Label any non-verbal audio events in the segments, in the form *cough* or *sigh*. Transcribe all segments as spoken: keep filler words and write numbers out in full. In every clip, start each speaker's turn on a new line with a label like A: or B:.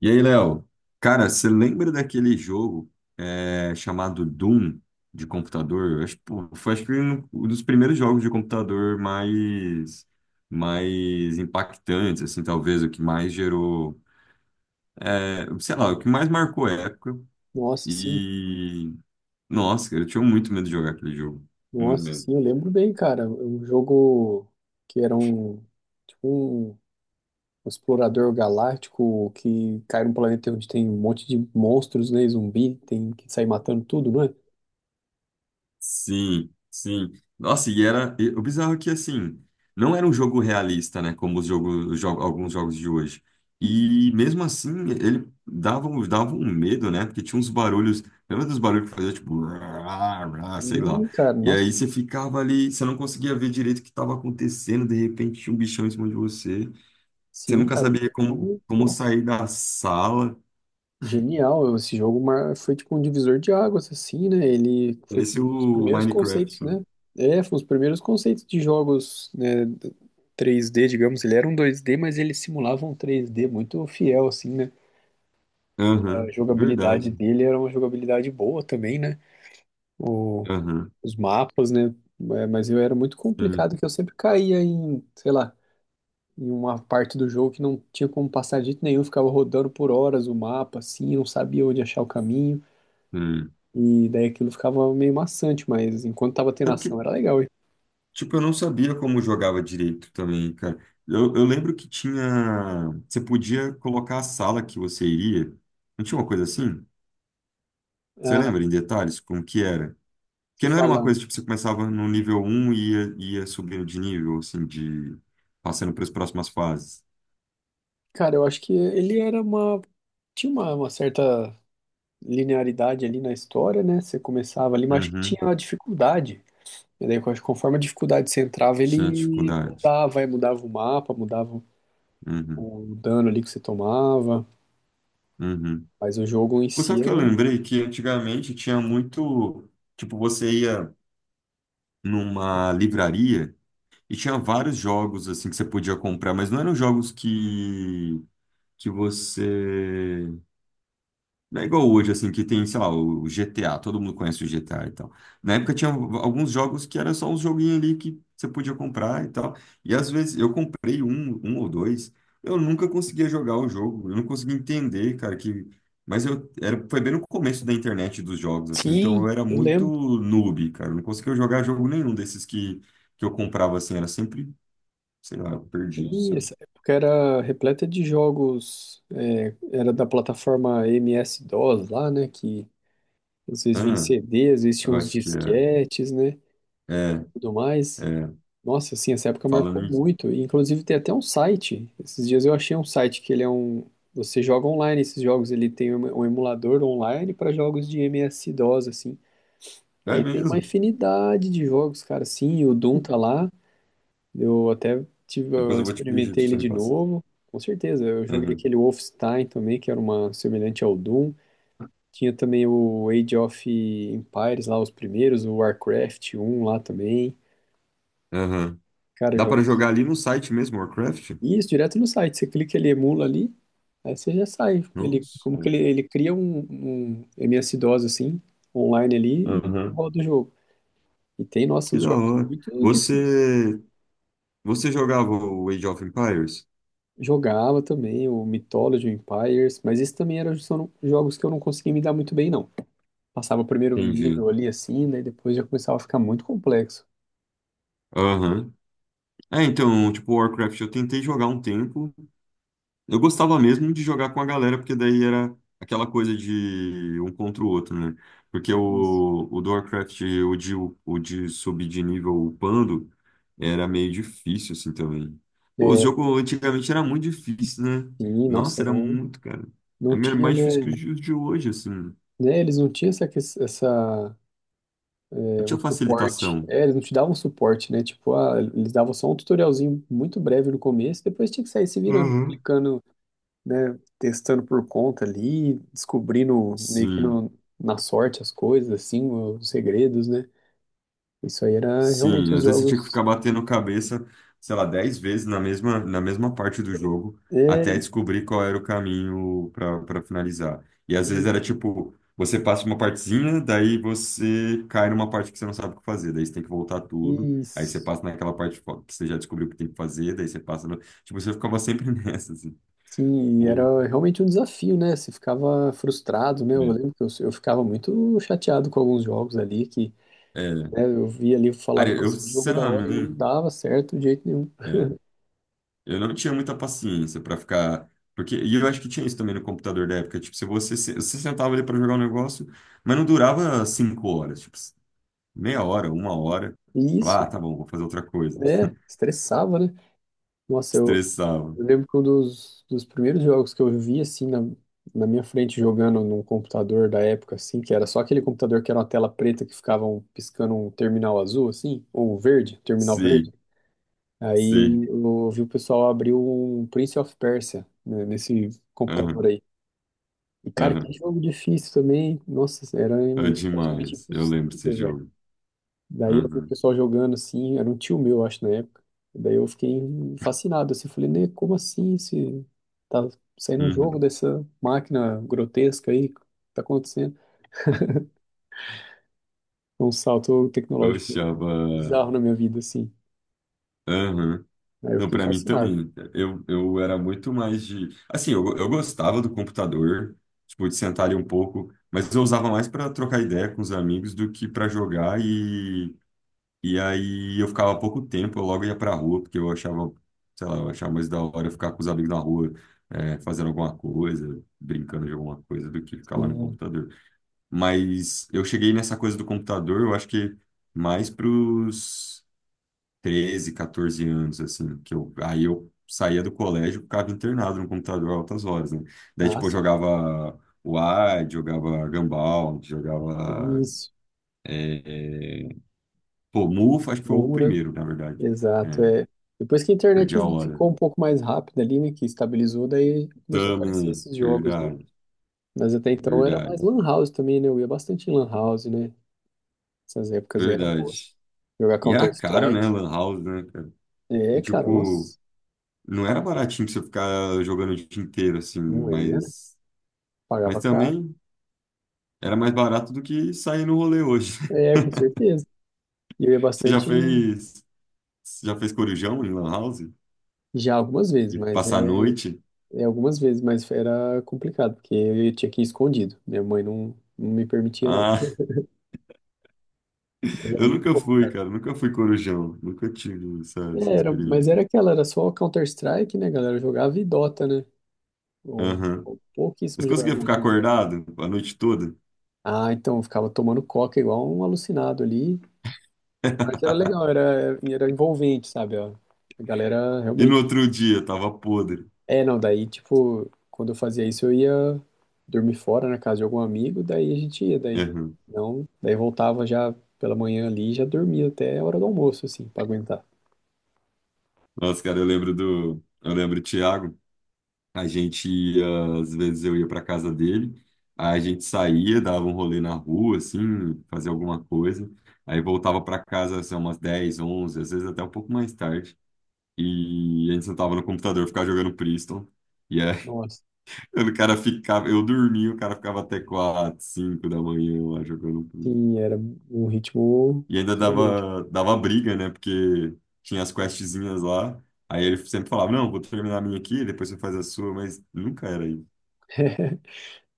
A: E aí, Léo, cara, você lembra daquele jogo é, chamado Doom de computador? Eu acho, pô, foi acho que um um dos primeiros jogos de computador mais, mais impactantes, assim, talvez o que mais gerou, é, sei lá, o que mais marcou a época.
B: Nossa, sim.
A: E nossa, cara, eu tinha muito medo de jogar aquele jogo, muito
B: Nossa,
A: medo.
B: sim, eu lembro bem, cara. Um jogo que era um, tipo um, um explorador galáctico que cai num planeta onde tem um monte de monstros, né? Zumbi, tem que sair matando tudo, não é?
A: Sim, sim. Nossa, e era. E o bizarro é que, assim, não era um jogo realista, né? Como os jogos, os jo- alguns jogos de hoje. E mesmo assim, ele dava, um- dava um medo, né? Porque tinha uns barulhos. Lembra dos barulhos que fazia tipo. Rá, rá, sei lá.
B: Ih, cara,
A: E aí
B: nossa.
A: você ficava ali, você não conseguia ver direito o que estava acontecendo. De repente tinha um bichão em cima de você. Você
B: Sim,
A: nunca
B: cara,
A: sabia
B: esse
A: como,
B: jogo,
A: como
B: nossa.
A: sair da sala.
B: Genial, esse jogo mar- foi tipo um divisor de águas, assim, né? Ele foi
A: Parecia
B: um dos
A: o
B: primeiros
A: Minecraft.
B: conceitos,
A: Né?
B: né? É, foi um dos primeiros conceitos de jogos, né, d- três d, digamos. Ele era um dois d, mas ele simulava um três d muito fiel, assim, né? E a
A: Aham,
B: jogabilidade
A: verdade.
B: dele era uma jogabilidade boa também, né? O-
A: Aham,
B: os mapas, né? É, mas eu era muito
A: sim,
B: complicado, que eu sempre caía em, sei lá, em uma parte do jogo que não tinha como passar de jeito nenhum, ficava rodando por horas o mapa, assim, não sabia onde achar o caminho.
A: sim.
B: E daí aquilo ficava meio maçante, mas enquanto tava tendo
A: Sabe que,
B: ação era legal, hein?
A: tipo, eu não sabia como jogava direito também, cara. Eu, eu lembro que tinha. Você podia colocar a sala que você iria. Não tinha uma coisa assim? Você
B: Ah,
A: lembra em detalhes como que era?
B: você
A: Porque não era uma
B: fala,
A: coisa, tipo, você começava no nível um e ia, ia subindo de nível, assim, de. Passando para as próximas fases.
B: cara, eu acho que ele era uma. Tinha uma, uma certa linearidade ali na história, né? Você começava ali, mas acho que tinha
A: Uhum.
B: uma dificuldade. E daí, eu acho que conforme a dificuldade você entrava,
A: Tinha
B: ele
A: dificuldade.
B: mudava, aí mudava o mapa, mudava
A: Uhum.
B: o dano ali que você tomava.
A: Uhum.
B: Mas o jogo em
A: Pô, sabe
B: si
A: o que eu
B: era.
A: lembrei? Que antigamente tinha muito. Tipo, você ia numa livraria. E tinha vários jogos assim que você podia comprar, mas não eram jogos que que você não é igual hoje assim que tem, sei lá, o o G T A, todo mundo conhece o G T A e tal. Na época tinha alguns jogos que era só uns joguinhos ali que você podia comprar e tal. E às vezes eu comprei um, um ou dois, eu nunca conseguia jogar o jogo, eu não conseguia entender, cara, que mas eu era, foi bem no começo da internet dos jogos, assim, então
B: Sim,
A: eu era
B: eu
A: muito
B: lembro.
A: noob, cara. Eu não conseguia jogar jogo nenhum desses que, que eu comprava, assim, era sempre sei lá, perdido,
B: Sim,
A: sabe?
B: essa época era repleta de jogos, é, era da plataforma M S-DOS lá, né, que às vezes vinha em
A: Ah,
B: C D, às vezes tinha
A: eu
B: uns
A: acho que é.
B: disquetes, né,
A: É,
B: tudo mais.
A: é.
B: Nossa, assim, essa época marcou
A: Falando isso.
B: muito. E inclusive tem até um site, esses dias eu achei um site que ele é um... Você joga online esses jogos, ele tem um um emulador online para jogos de M S-DOS, assim.
A: É
B: Aí tem uma
A: mesmo.
B: infinidade de jogos, cara, sim, o Doom tá lá. Eu até tive,
A: Depois
B: eu
A: eu vou te pedir pra
B: experimentei
A: você
B: ele
A: me
B: de
A: passar.
B: novo, com certeza. Eu joguei
A: Aham,
B: aquele Wolfenstein também, que era uma semelhante ao Doom. Tinha também o Age of Empires lá, os primeiros, o Warcraft um lá também.
A: aham.
B: Cara,
A: Dá para
B: jogos.
A: jogar ali no site mesmo, Warcraft?
B: Isso, direto no site. Você clica, ele emula ali, aí você já sai. Ele,
A: Nossa.
B: como que ele, ele cria um, um M S-DOS assim, online ali, e
A: Aham.
B: roda o jogo. E tem, nossa,
A: Que
B: os
A: da
B: jogos
A: hora.
B: muito difíceis.
A: Você, você jogava o Age of Empires?
B: Jogava também o Mythology, o Empires, mas esses também eram só- jogos que eu não conseguia me dar muito bem, não. Passava o primeiro
A: Entendi.
B: nível ali assim, daí depois já começava a ficar muito complexo.
A: Aham. É, então, tipo, Warcraft eu tentei jogar um tempo, eu gostava mesmo de jogar com a galera, porque daí era aquela coisa de um contra o outro, né? Porque
B: Isso.
A: o, o do Warcraft, o de, o de subir de nível upando, era meio difícil, assim, também. Pô, o
B: É,
A: jogo antigamente era muito difícil, né?
B: sim, nossa,
A: Nossa, era
B: não,
A: muito, cara.
B: não
A: Era
B: tinha,
A: mais difícil que os
B: né,
A: de os de hoje, assim.
B: né? Eles não tinham essa, ques- essa,
A: Não
B: é, um
A: tinha
B: suporte.
A: facilitação.
B: É, eles não te davam suporte, né? Tipo, ah, eles davam só um tutorialzinho muito breve no começo, depois tinha que sair se virando,
A: Uhum.
B: clicando, né? Testando por conta ali, descobrindo meio que
A: Sim.
B: no, na sorte as coisas, assim, os segredos, né? Isso aí era realmente
A: Sim,
B: os
A: às vezes você tinha que
B: jogos.
A: ficar batendo cabeça, sei lá, dez vezes na mesma, na mesma parte do jogo,
B: É,
A: até
B: e,
A: descobrir qual era o caminho para para finalizar. E às vezes era tipo, você passa uma partezinha, daí você cai numa parte que você não sabe o que fazer, daí você tem que voltar tudo,
B: e-
A: aí você passa naquela parte fo- que você já descobriu o que tem que fazer, daí você passa no... Tipo, você ficava sempre *laughs* nessa, assim.
B: sim, e
A: Pô,
B: era realmente um desafio, né? Você ficava frustrado, né? Eu
A: é.
B: lembro que eu, eu ficava muito chateado com alguns jogos ali, que,
A: É.
B: né, eu via ali e
A: Cara,
B: falava,
A: eu,
B: nossa, que jogo da hora e não
A: sinceramente.
B: dava certo de jeito nenhum.
A: Eu não tinha muita paciência pra ficar. Porque, e eu acho que tinha isso também no computador da época. Tipo, se você, se- você sentava ali pra jogar um negócio, mas não durava cinco horas, tipo, meia hora, uma hora.
B: E
A: Falava,
B: isso,
A: ah, tá bom, vou fazer outra coisa.
B: né?
A: *laughs*
B: Estressava, né? Nossa, eu,
A: Estressava.
B: Eu lembro que um dos, dos primeiros jogos que eu vi, assim, na, na minha frente, jogando num computador da época, assim, que era só aquele computador que era uma tela preta que ficava um- piscando um terminal azul, assim, ou um verde, terminal verde.
A: Sim, sim.
B: Aí eu vi o pessoal abrir um Prince of Persia, né, nesse computador
A: Aham,
B: aí. E, cara, que
A: aham.
B: jogo difícil também. Nossa, era
A: É
B: praticamente
A: demais. Eu lembro desse
B: impossível.
A: jogo.
B: Daí eu vi o
A: Aham,
B: pessoal jogando assim, era um tio meu, acho, na época. Daí eu fiquei fascinado, assim, falei, né, como assim se tá saindo um
A: uhum.
B: jogo dessa máquina grotesca aí, o que tá acontecendo? Foi um salto
A: Eu
B: tecnológico
A: achava.
B: bizarro na minha vida, assim.
A: Aham.
B: Aí eu
A: Não,
B: fiquei
A: para mim
B: fascinado.
A: também. Eu, eu era muito mais de. Assim, eu, eu gostava do computador, tipo, de sentar ali um pouco, mas eu usava mais para trocar ideia com os amigos do que para jogar. E, e aí eu ficava pouco tempo, eu logo ia para rua, porque eu achava, sei lá, eu achava mais da hora ficar com os amigos na rua, é, fazendo alguma coisa, brincando de alguma coisa, do que ficar lá no
B: Assim,
A: computador. Mas eu cheguei nessa coisa do computador, eu acho que mais pros treze, catorze anos, assim, que eu, aí eu saía do colégio, e ficava internado no computador altas horas, né? Daí, tipo, eu
B: nossa,
A: jogava Wide, jogava Gumball, jogava,
B: isso,
A: é, é, pô, Muffa, acho que foi o
B: Moura,
A: primeiro, na verdade.
B: exato,
A: É,
B: é. Depois que a
A: perdi
B: internet
A: a hora.
B: ficou
A: Né?
B: um pouco mais rápida ali, né, que estabilizou, daí começou a aparecer
A: Também,
B: esses jogos, né?
A: verdade,
B: Mas até então era mais
A: verdade,
B: lan house também, né? Eu ia bastante em lan house, né? Essas épocas aí eram boas.
A: verdade.
B: Jogar
A: E era caro,
B: Counter-Strike.
A: né, Lan House, né, cara?
B: É,
A: E,
B: cara,
A: tipo,
B: nossa,
A: não era baratinho pra você ficar jogando o dia inteiro, assim,
B: não era.
A: mas... Mas
B: Pagava caro.
A: também... Era mais barato do que sair no rolê hoje.
B: É, com
A: *laughs*
B: certeza. E eu ia
A: Você já
B: bastante em-
A: fez, você já fez corujão em lan house?
B: já algumas vezes,
A: E
B: mas
A: passar a
B: é,
A: noite?
B: é algumas vezes, mas era complicado, porque eu tinha que ir escondido. Minha mãe não, não me permitia, não.
A: Ah,
B: Mas
A: *laughs*
B: era
A: eu
B: muito
A: nunca
B: bom,
A: fui,
B: cara.
A: cara. Nunca fui corujão. Nunca tive essa,
B: É,
A: essa
B: era, mas
A: experiência.
B: era aquela, era só Counter-Strike, né, galera? Eu jogava e Dota, né? Ou,
A: Aham.
B: ou pouquíssimo
A: Mas
B: jogava
A: conseguia ficar
B: outros jogos.
A: acordado a noite toda?
B: Ah, então eu ficava tomando coca igual um alucinado ali. Mas era legal, era, era envolvente, sabe? Ó. A galera
A: E no
B: realmente.
A: outro dia, tava podre.
B: É, não, daí, tipo, quando eu fazia isso, eu ia dormir fora na casa de algum amigo, daí a gente ia, daí
A: Aham.
B: não, daí voltava já pela manhã ali, e já dormia até a hora do almoço, assim, pra aguentar.
A: Nossa, cara, eu lembro do... Eu lembro do Thiago. A gente ia, às vezes eu ia para casa dele, aí a gente saía, dava um rolê na rua, assim, fazia alguma coisa, aí voltava para casa, assim, umas dez onze às vezes até um pouco mais tarde, e a gente sentava no computador, ficava jogando Priston, e aí
B: Nossa,
A: *laughs* o cara ficava, eu dormia, o cara ficava até quatro cinco da manhã lá jogando Priston.
B: sim, era um ritmo
A: E ainda
B: frenético.
A: dava, dava briga, né, porque tinha as questzinhas lá, aí ele sempre falava, não, vou terminar a minha aqui, depois você faz a sua, mas nunca era isso.
B: *laughs*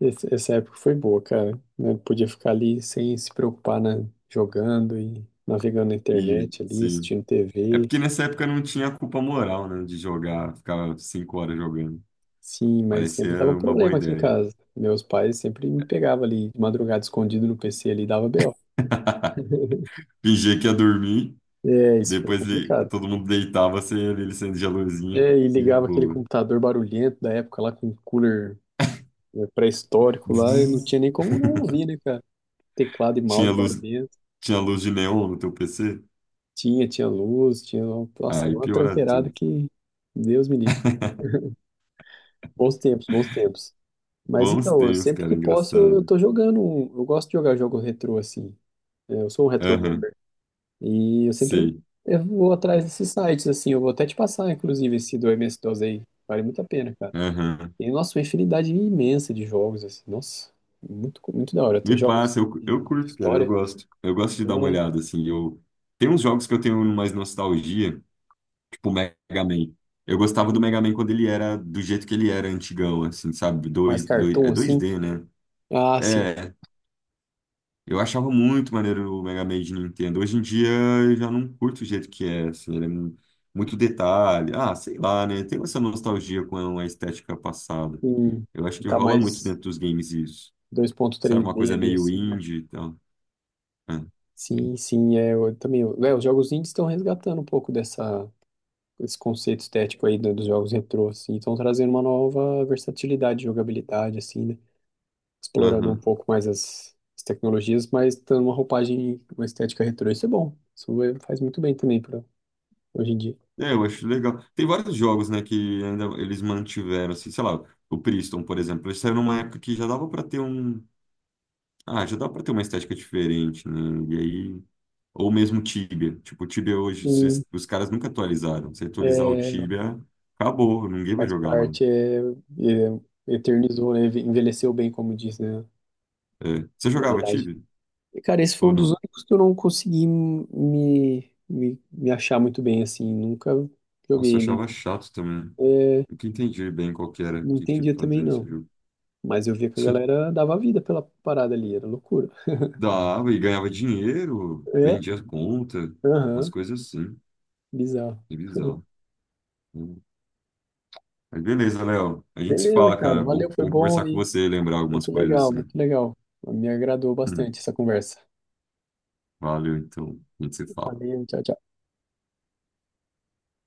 B: Esse- Essa época foi boa, cara. Eu podia ficar ali sem se preocupar, né? Jogando e navegando na
A: E,
B: internet ali,
A: sim.
B: assistindo
A: É
B: T V.
A: porque nessa época não tinha culpa moral, né, de jogar, ficar cinco horas jogando.
B: Sim, mas sempre dava
A: Parecia uma boa
B: problema aqui em
A: ideia.
B: casa. Meus pais sempre me pegavam ali de madrugada escondido no P C ali e dava B O.
A: *laughs*
B: *laughs*
A: Fingia que ia dormir,
B: É, isso foi
A: depois ele-
B: complicado.
A: todo mundo deitava, você ia ali acendia a
B: É,
A: luzinha
B: e
A: e
B: ligava aquele
A: boa.
B: computador barulhento da época lá com cooler, né, pré-histórico lá, e não
A: Vuv.
B: tinha nem como não
A: *laughs*
B: ouvir, né, cara? Teclado e
A: Tinha
B: mouse
A: luz,
B: barulhento.
A: tinha luz de neon no teu P C?
B: Tinha, tinha luz, tinha. Nossa,
A: Aí
B: era uma
A: piora
B: tranqueirada
A: tudo.
B: que. Deus me livre.
A: *laughs*
B: Bons tempos, bons tempos. Mas
A: Bons
B: então, eu
A: tempos,
B: sempre
A: cara,
B: que posso, eu, eu
A: engraçado.
B: tô jogando. um- Eu gosto de jogar jogo retrô assim. É, eu sou um retro.
A: Aham,
B: E eu sempre
A: sei.
B: eu vou atrás desses sites, assim, eu vou até te passar, inclusive, esse do M S-DOS aí. Vale muito a pena, cara.
A: Aham.
B: Tem, nossa, uma infinidade imensa de jogos, assim, nossa, muito, muito da hora. Tem
A: Me
B: jogos
A: passa, eu,
B: de,
A: eu
B: de
A: curto, cara, eu
B: história,
A: gosto. Eu gosto de dar uma
B: né?
A: olhada, assim. Eu, tem uns jogos que eu tenho mais nostalgia. Tipo, o Mega Man. Eu gostava do Mega Man quando ele era do jeito que ele era, antigão, assim, sabe?
B: Mais
A: Dois, dois, é
B: cartoon,
A: dois
B: assim.
A: d né?
B: Ah, sim.
A: É, eu achava muito maneiro o Mega Man de Nintendo. Hoje em dia eu já não curto o jeito que é, assim, ele é mu- muito detalhe. Ah, sei lá, né? Tem essa nostalgia com a estética passada.
B: Sim.
A: Eu acho que
B: Tá
A: rola muito
B: mais
A: dentro dos games isso.
B: dois ponto
A: Sabe,
B: três
A: uma
B: d
A: coisa
B: ali,
A: meio
B: assim, né?
A: indie e tal. É.
B: Sim, sim, é, eu também. Eu- é, os jogos indies estão resgatando um pouco dessa, esse conceito estético aí do- dos jogos retrô, assim, estão trazendo uma nova versatilidade, jogabilidade, assim, né? Explorando um
A: Aham.
B: pouco mais as, as tecnologias, mas dando uma roupagem, uma estética retrô. Isso é bom. Isso é- faz muito bem também para hoje em dia.
A: É, eu acho legal. Tem vários jogos, né, que ainda eles mantiveram, assim, sei lá, o Priston, por exemplo, ele saiu numa época que já dava pra ter um... Ah, já dava pra ter uma estética diferente, né, e aí... Ou mesmo Tibia. Tipo, o Tibia hoje, se
B: Sim,
A: os os caras nunca atualizaram. Se atualizar o
B: é,
A: Tibia, acabou, ninguém vai
B: faz
A: jogar
B: parte,
A: mais.
B: é, é, eternizou, né? Envelheceu bem, como diz, né?
A: É. Você
B: A
A: jogava
B: modelagem.
A: Tibia?
B: E, cara, esse foi
A: Ou
B: um dos
A: não?
B: únicos que eu não consegui me, me, me achar muito bem, assim. Nunca
A: Nossa,
B: joguei
A: eu
B: ele.
A: achava chato também.
B: É,
A: Nunca entendi bem qual que era,
B: não
A: que tipo
B: entendia também,
A: fazia esse
B: não.
A: jogo.
B: Mas eu via que a
A: *laughs*
B: galera dava vida pela parada ali, era loucura.
A: Dava e ganhava dinheiro,
B: É,
A: vendia conta, umas
B: aham,
A: coisas assim.
B: bizarro.
A: Que bizarro. Hum. Mas beleza, Léo. A gente se
B: Beleza,
A: fala,
B: cara.
A: cara.
B: Valeu,
A: Bom,
B: foi
A: bom
B: bom
A: conversar com
B: aí.
A: você, lembrar algumas
B: Muito
A: coisas
B: legal, muito
A: assim.
B: legal. Me agradou
A: Hum.
B: bastante essa conversa.
A: Valeu, então. A gente se fala.
B: Valeu, tchau, tchau.